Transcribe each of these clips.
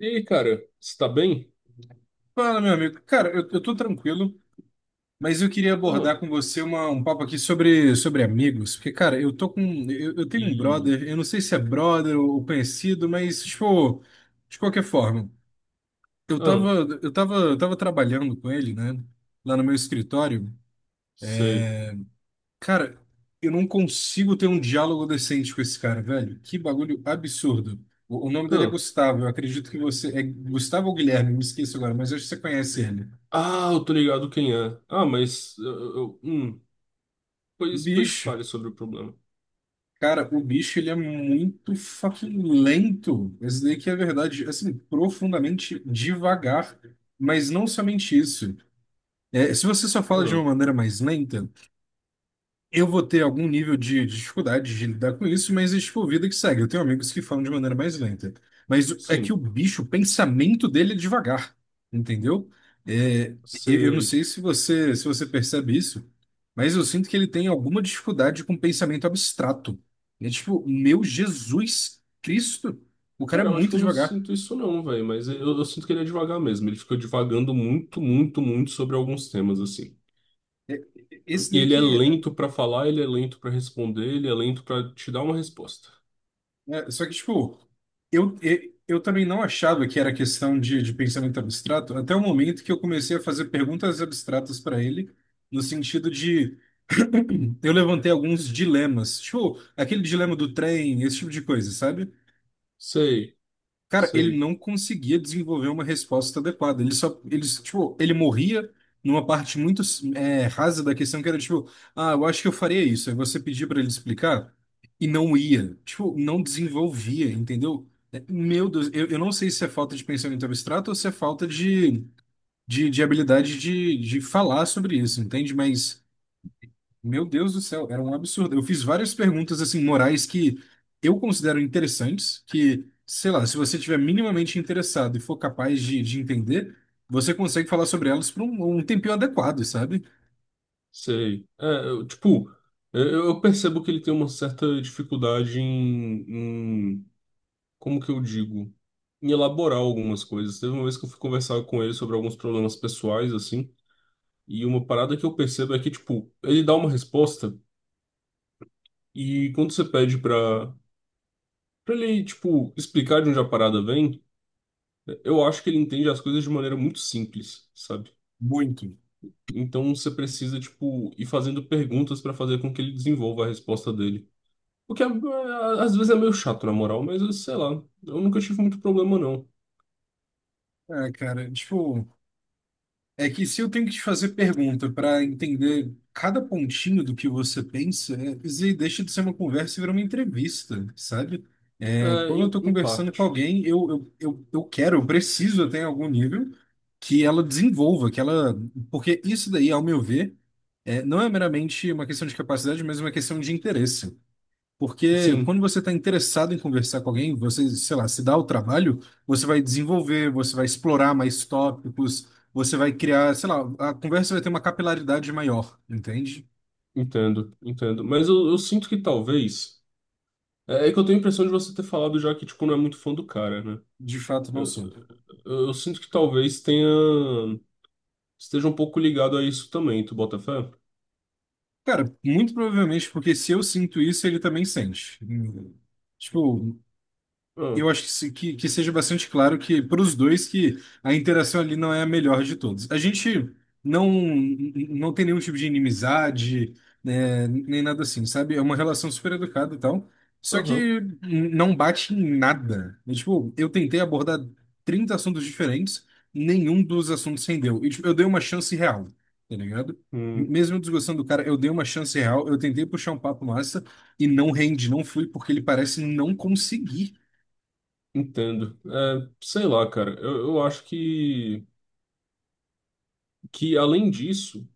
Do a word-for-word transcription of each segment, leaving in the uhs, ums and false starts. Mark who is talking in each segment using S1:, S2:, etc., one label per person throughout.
S1: E aí, cara, você tá bem?
S2: Fala, meu amigo. Cara, eu, eu tô tranquilo, mas eu queria
S1: Ah,
S2: abordar com você uma, um papo aqui sobre, sobre amigos. Porque, cara, eu tô com. Eu, eu tenho um
S1: e.
S2: brother, eu não sei se é brother ou conhecido, mas, tipo, de qualquer forma, eu tava,
S1: Ah,
S2: eu tava, eu tava trabalhando com ele, né? Lá no meu escritório.
S1: sei.
S2: Cara, eu não consigo ter um diálogo decente com esse cara, velho. Que bagulho absurdo. O, o nome dele é
S1: Ah,
S2: Gustavo, eu acredito que você. É Gustavo ou Guilherme, me esqueci agora, mas eu acho que você conhece ele.
S1: ah, eu tô ligado quem é. Ah, mas. Eu, eu- hum, pois, pois
S2: Bicho.
S1: fale sobre o problema.
S2: Cara, o bicho ele é muito fucking lento. Isso daí que é verdade, assim, profundamente devagar. Mas não somente isso. É, se você só fala de
S1: Ah,
S2: uma maneira mais lenta, eu vou ter algum nível de dificuldade de lidar com isso, mas é tipo vida que segue. Eu tenho amigos que falam de maneira mais lenta. Mas o- é que o
S1: sim,
S2: bicho, o pensamento dele é devagar, entendeu? É, eu eu não
S1: sei.
S2: sei se você, se você percebe isso, mas eu sinto que ele tem alguma dificuldade com pensamento abstrato. É tipo, meu Jesus Cristo, o cara é
S1: Cara, eu acho
S2: muito
S1: que eu não
S2: devagar.
S1: sinto isso não, velho, mas eu, eu sinto que ele é devagar mesmo. Ele fica divagando muito, muito, muito sobre alguns temas, assim.
S2: Esse
S1: E
S2: daí
S1: ele é
S2: que.
S1: lento pra falar, ele é lento pra responder, ele é lento pra te dar uma resposta.
S2: É, só que, tipo, eu, eu, eu também não achava que era questão de, de pensamento abstrato, até o momento que eu comecei a fazer perguntas abstratas para ele, no sentido de eu levantei alguns dilemas, tipo, aquele dilema do trem, esse tipo de coisa, sabe?
S1: Sei,
S2: Cara, ele
S1: sei.
S2: não conseguia desenvolver uma resposta adequada. Ele só, ele, tipo, ele morria numa parte muito é, rasa da questão que era tipo, ah, eu acho que eu faria isso. Aí você pedia pra ele explicar e não ia. Tipo, não desenvolvia, entendeu? É, meu Deus, eu, eu não sei se é falta de pensamento abstrato ou se é falta de, de, de habilidade de, de falar sobre isso, entende? Mas meu Deus do céu, era um absurdo. Eu fiz várias perguntas assim morais que eu considero interessantes, que, sei lá, se você tiver minimamente interessado e for capaz de, de entender, você consegue falar sobre elas por um, um tempinho adequado, sabe?
S1: Sei. É, eu, tipo, eu eu percebo que ele tem uma certa dificuldade em, em- como que eu digo? Em elaborar algumas coisas. Teve uma vez que eu fui conversar com ele sobre alguns problemas pessoais, assim, e uma parada que eu percebo é que, tipo, ele dá uma resposta e quando você pede pra, pra ele, tipo, explicar de onde a parada vem, eu acho que ele entende as coisas de maneira muito simples, sabe?
S2: Muito.
S1: Então você precisa, tipo, ir fazendo perguntas pra fazer com que ele desenvolva a resposta dele. O que é- é, às vezes é meio chato, na moral, mas eu sei lá. Eu nunca tive muito problema, não.
S2: É, cara, tipo, é que se eu tenho que te fazer pergunta para entender cada pontinho do que você pensa, é, isso aí deixa de ser uma conversa e vira uma entrevista, sabe? É,
S1: É,
S2: quando eu
S1: em,
S2: estou
S1: em
S2: conversando com
S1: parte.
S2: alguém, eu, eu, eu, eu quero, eu preciso até em algum nível que ela desenvolva, que ela. Porque isso daí, ao meu ver, é, não é meramente uma questão de capacidade, mas uma questão de interesse. Porque
S1: Sim,
S2: quando você está interessado em conversar com alguém, você, sei lá, se dá o trabalho, você vai desenvolver, você vai explorar mais tópicos, você vai criar, sei lá, a conversa vai ter uma capilaridade maior, entende?
S1: entendo, entendo. Mas eu, eu sinto que talvez. É, é que eu tenho a impressão de você ter falado já que, tipo, não é muito fã do cara, né?
S2: De fato, não
S1: Eu,
S2: sou.
S1: eu, eu sinto que talvez tenha. Esteja um pouco ligado a isso também, tu bota fé?
S2: Cara, muito provavelmente porque se eu sinto isso, ele também sente. Tipo,
S1: Ah,
S2: eu acho que, se- que, que seja bastante claro que para os dois que a interação ali não é a melhor de todos. A gente não não tem nenhum tipo de inimizade, né, nem nada assim, sabe? É uma relação super educada e tal. Só
S1: aham.
S2: que não bate em nada. É, tipo, eu tentei abordar trinta assuntos diferentes, nenhum dos assuntos rendeu. E, tipo, eu dei uma chance real, tá ligado?
S1: Hum,
S2: Mesmo eu desgostando do cara, eu dei uma chance real, eu tentei puxar um papo massa e não rende, não flui, porque ele parece não conseguir.
S1: entendo. É, sei lá, cara. Eu, eu acho que, que, além disso.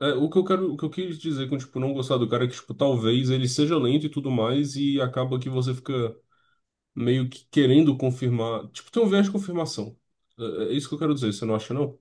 S1: É, o que eu quero, o que eu quis dizer com, tipo, não gostar do cara é que, tipo, talvez ele seja lento e tudo mais e acaba que você fica meio que querendo confirmar. Tipo, tem um viés de confirmação. É, é é isso que eu quero dizer, você não acha, não?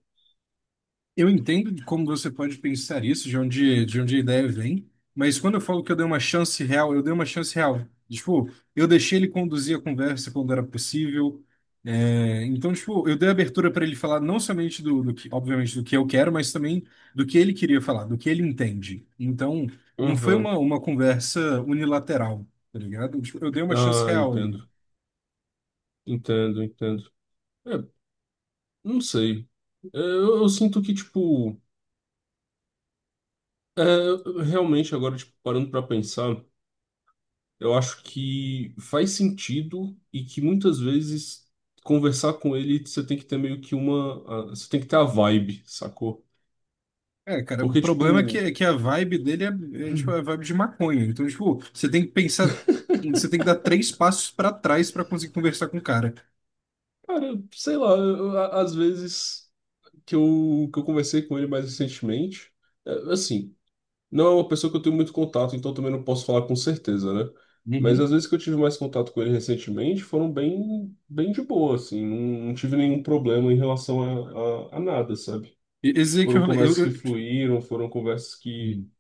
S2: Eu entendo de como você pode pensar isso, de onde, de onde a ideia vem, mas quando eu falo que eu dei uma chance real, eu dei uma chance real. Tipo, eu deixei ele conduzir a conversa quando era possível. É, então, tipo, eu dei abertura para ele falar não somente do, do que, obviamente, do que eu quero, mas também do que ele queria falar, do que ele entende. Então, não foi
S1: Aham.
S2: uma, uma conversa unilateral, tá ligado? Tipo, eu dei uma chance
S1: Ah,
S2: real ali.
S1: entendo. Entendo, entendo. É, não sei. É, eu, eu sinto que, tipo. É, realmente, agora, tipo, parando pra pensar, eu acho que faz sentido e que muitas vezes conversar com ele você tem que ter meio que uma. a- Você tem que ter a vibe, sacou?
S2: É, cara, o
S1: Porque,
S2: problema é que,
S1: tipo,
S2: é que a vibe dele é, é, tipo, é a vibe de maconha. Então, tipo, você tem que pensar, você tem que dar três passos pra trás pra conseguir conversar com o cara.
S1: cara, sei lá, eu- a- às vezes que eu, que eu conversei com ele mais recentemente, é, assim. Não é uma pessoa que eu tenho muito contato, então também não posso falar com certeza, né? Mas as
S2: Uhum.
S1: vezes que eu tive mais contato com ele recentemente foram bem, bem de boa, assim. Não, não tive nenhum problema em relação a, a, a nada, sabe?
S2: E- Esse é que eu
S1: Foram
S2: falei, eu,
S1: conversas que
S2: eu-
S1: fluíram, foram conversas que,
S2: hum,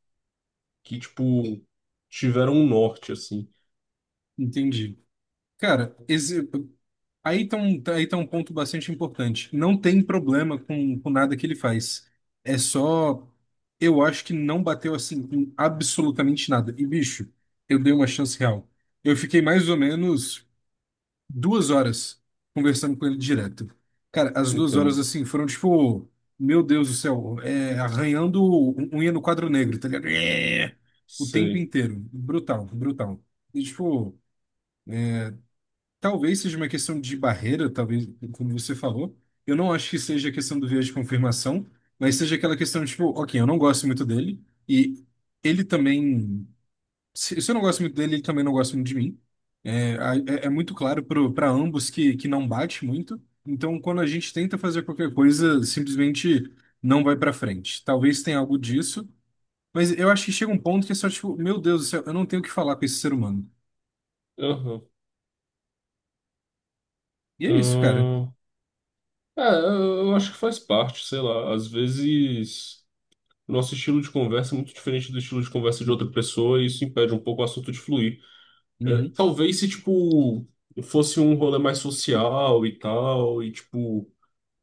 S1: que tipo, tiveram um norte, assim.
S2: entendi. Cara, esse, aí tá um, tá, aí tá um ponto bastante importante. Não tem problema com, com nada que ele faz. É só, eu acho que não bateu assim com absolutamente nada. E, bicho, eu dei uma chance real. Eu fiquei mais ou menos duas horas conversando com ele direto. Cara, as duas horas
S1: Entendo.
S2: assim foram tipo, meu Deus do céu, é, arranhando un- unha no quadro negro, tá ligado? É, o tempo
S1: Sei.
S2: inteiro. Brutal, brutal. E, tipo, talvez seja uma questão de barreira, talvez, como você falou. Eu não acho que seja a questão do viés de confirmação, mas seja aquela questão, tipo, ok, eu não gosto muito dele, e ele também. Se, se eu não gosto muito dele, ele também não gosta muito de mim. É, a- é, é muito claro para ambos que, que não bate muito. Então, quando a gente tenta fazer qualquer coisa, simplesmente não vai para frente. Talvez tenha algo disso, mas eu acho que chega um ponto que é só tipo, meu Deus do céu, eu não tenho o que falar com esse ser humano.
S1: Aham.
S2: E é isso, cara.
S1: Ahn. É, eu acho que faz parte, sei lá. Às vezes, nosso estilo de conversa é muito diferente do estilo de conversa de outra pessoa e isso impede um pouco o assunto de fluir. É,
S2: Uhum.
S1: talvez se, tipo, fosse um rolê mais social e tal, e, tipo,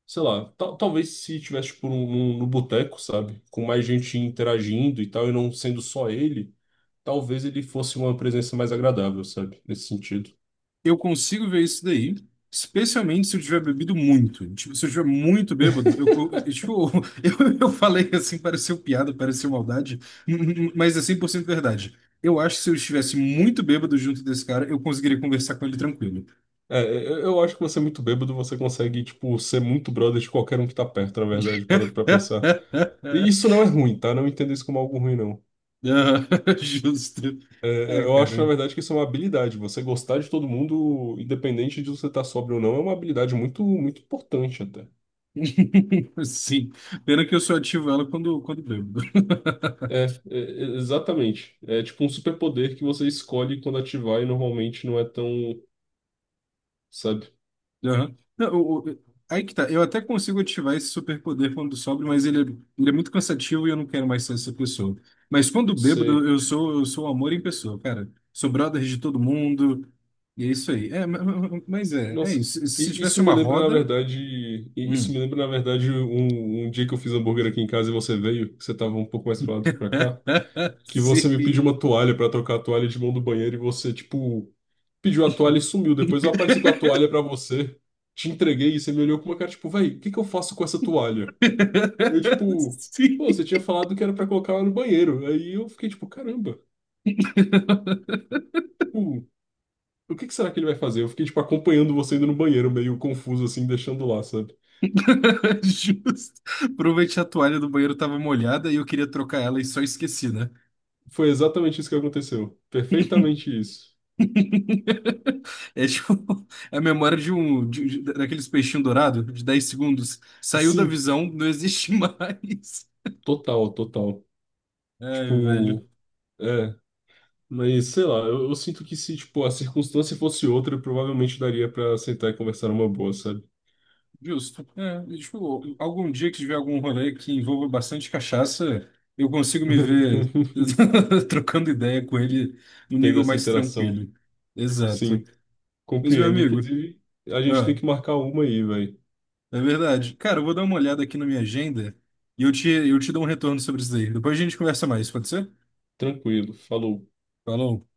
S1: sei lá, tal- talvez se tivesse, tipo, num, num- no boteco, sabe? Com mais gente interagindo e tal, e não sendo só ele, talvez ele fosse uma presença mais agradável, sabe? Nesse sentido.
S2: Eu consigo ver isso daí, especialmente se eu tiver bebido muito. Tipo, se eu estiver muito bêbado, eu, eu- eu- tipo, eu, eu falei assim, pareceu piada, pareceu maldade, mas é cem por cento verdade. Eu acho que se eu estivesse muito bêbado junto desse cara, eu conseguiria conversar com ele tranquilo.
S1: É, é, eu, eu acho que você é muito bêbado, você consegue, tipo, ser muito brother de qualquer um que tá perto, na verdade, parando pra pensar. E isso não é ruim, tá? Não entenda isso como algo ruim, não.
S2: Ah. Justo.
S1: É, é,
S2: É,
S1: eu acho, na
S2: cara.
S1: verdade, que isso é uma habilidade. Você gostar de todo mundo, independente de você estar sóbrio ou não, é uma habilidade muito, muito importante até.
S2: Sim. Pena que eu só ativo ela quando, quando bebo.
S1: É, é, é, exatamente. É tipo um superpoder que você escolhe quando ativar e normalmente não é tão, sabe?
S2: Aham. Não, o- o- aí que tá. Eu até consigo ativar esse superpoder quando sobre, mas ele é, ele é muito cansativo e eu não quero mais ser essa pessoa. Mas quando bêbado,
S1: Sei.
S2: eu sou, eu sou o amor em pessoa, cara. Sou brother de todo mundo. E é isso aí. É, ma- ma- mas é, é
S1: Nossa.
S2: isso. Se
S1: E
S2: tivesse
S1: isso me
S2: uma
S1: lembra, na
S2: roda.
S1: verdade, e isso
S2: Hum.
S1: me lembra, na verdade, um, um dia que eu fiz hambúrguer aqui em casa e você veio, que você tava um pouco mais pra lá do que pra cá, que você me pediu
S2: Sim.
S1: uma toalha pra trocar a toalha de mão do banheiro e você, tipo, pediu a toalha e sumiu. Depois eu apareci com a toalha pra você, te entreguei e você me olhou com uma cara tipo, véi, o que que eu faço com essa toalha? Eu, tipo,
S2: Sim.
S1: pô, você tinha falado que era pra colocar ela no banheiro. Aí eu fiquei tipo, caramba, tipo, o que que será que ele vai fazer? Eu fiquei, tipo, acompanhando você indo no banheiro, meio confuso assim, deixando lá, sabe?
S2: Justo. Provavelmente a toalha do banheiro estava molhada e eu queria trocar ela e só esqueci, né?
S1: Foi exatamente isso que aconteceu. Perfeitamente isso.
S2: É tipo, é a memória de um de- de- daqueles peixinhos dourados de dez segundos. Saiu da
S1: Sim,
S2: visão, não existe mais.
S1: total, total.
S2: Ai,
S1: Tipo,
S2: velho.
S1: é. Mas sei lá, eu, eu sinto que se tipo a circunstância fosse outra, eu provavelmente daria pra sentar e conversar numa boa, sabe?
S2: Justo. É, e, tipo, algum dia que tiver algum rolê que envolva bastante cachaça, eu consigo me ver trocando ideia com ele num
S1: Tendo
S2: nível
S1: essa
S2: mais
S1: interação.
S2: tranquilo. Exato.
S1: Sim,
S2: Mas, meu
S1: compreendo.
S2: amigo,
S1: Inclusive, a gente tem
S2: ah,
S1: que marcar uma aí, velho.
S2: é verdade. Cara, eu vou dar uma olhada aqui na minha agenda e eu te, eu te dou um retorno sobre isso daí. Depois a gente conversa mais, pode ser?
S1: Tranquilo. Falou.
S2: Falou.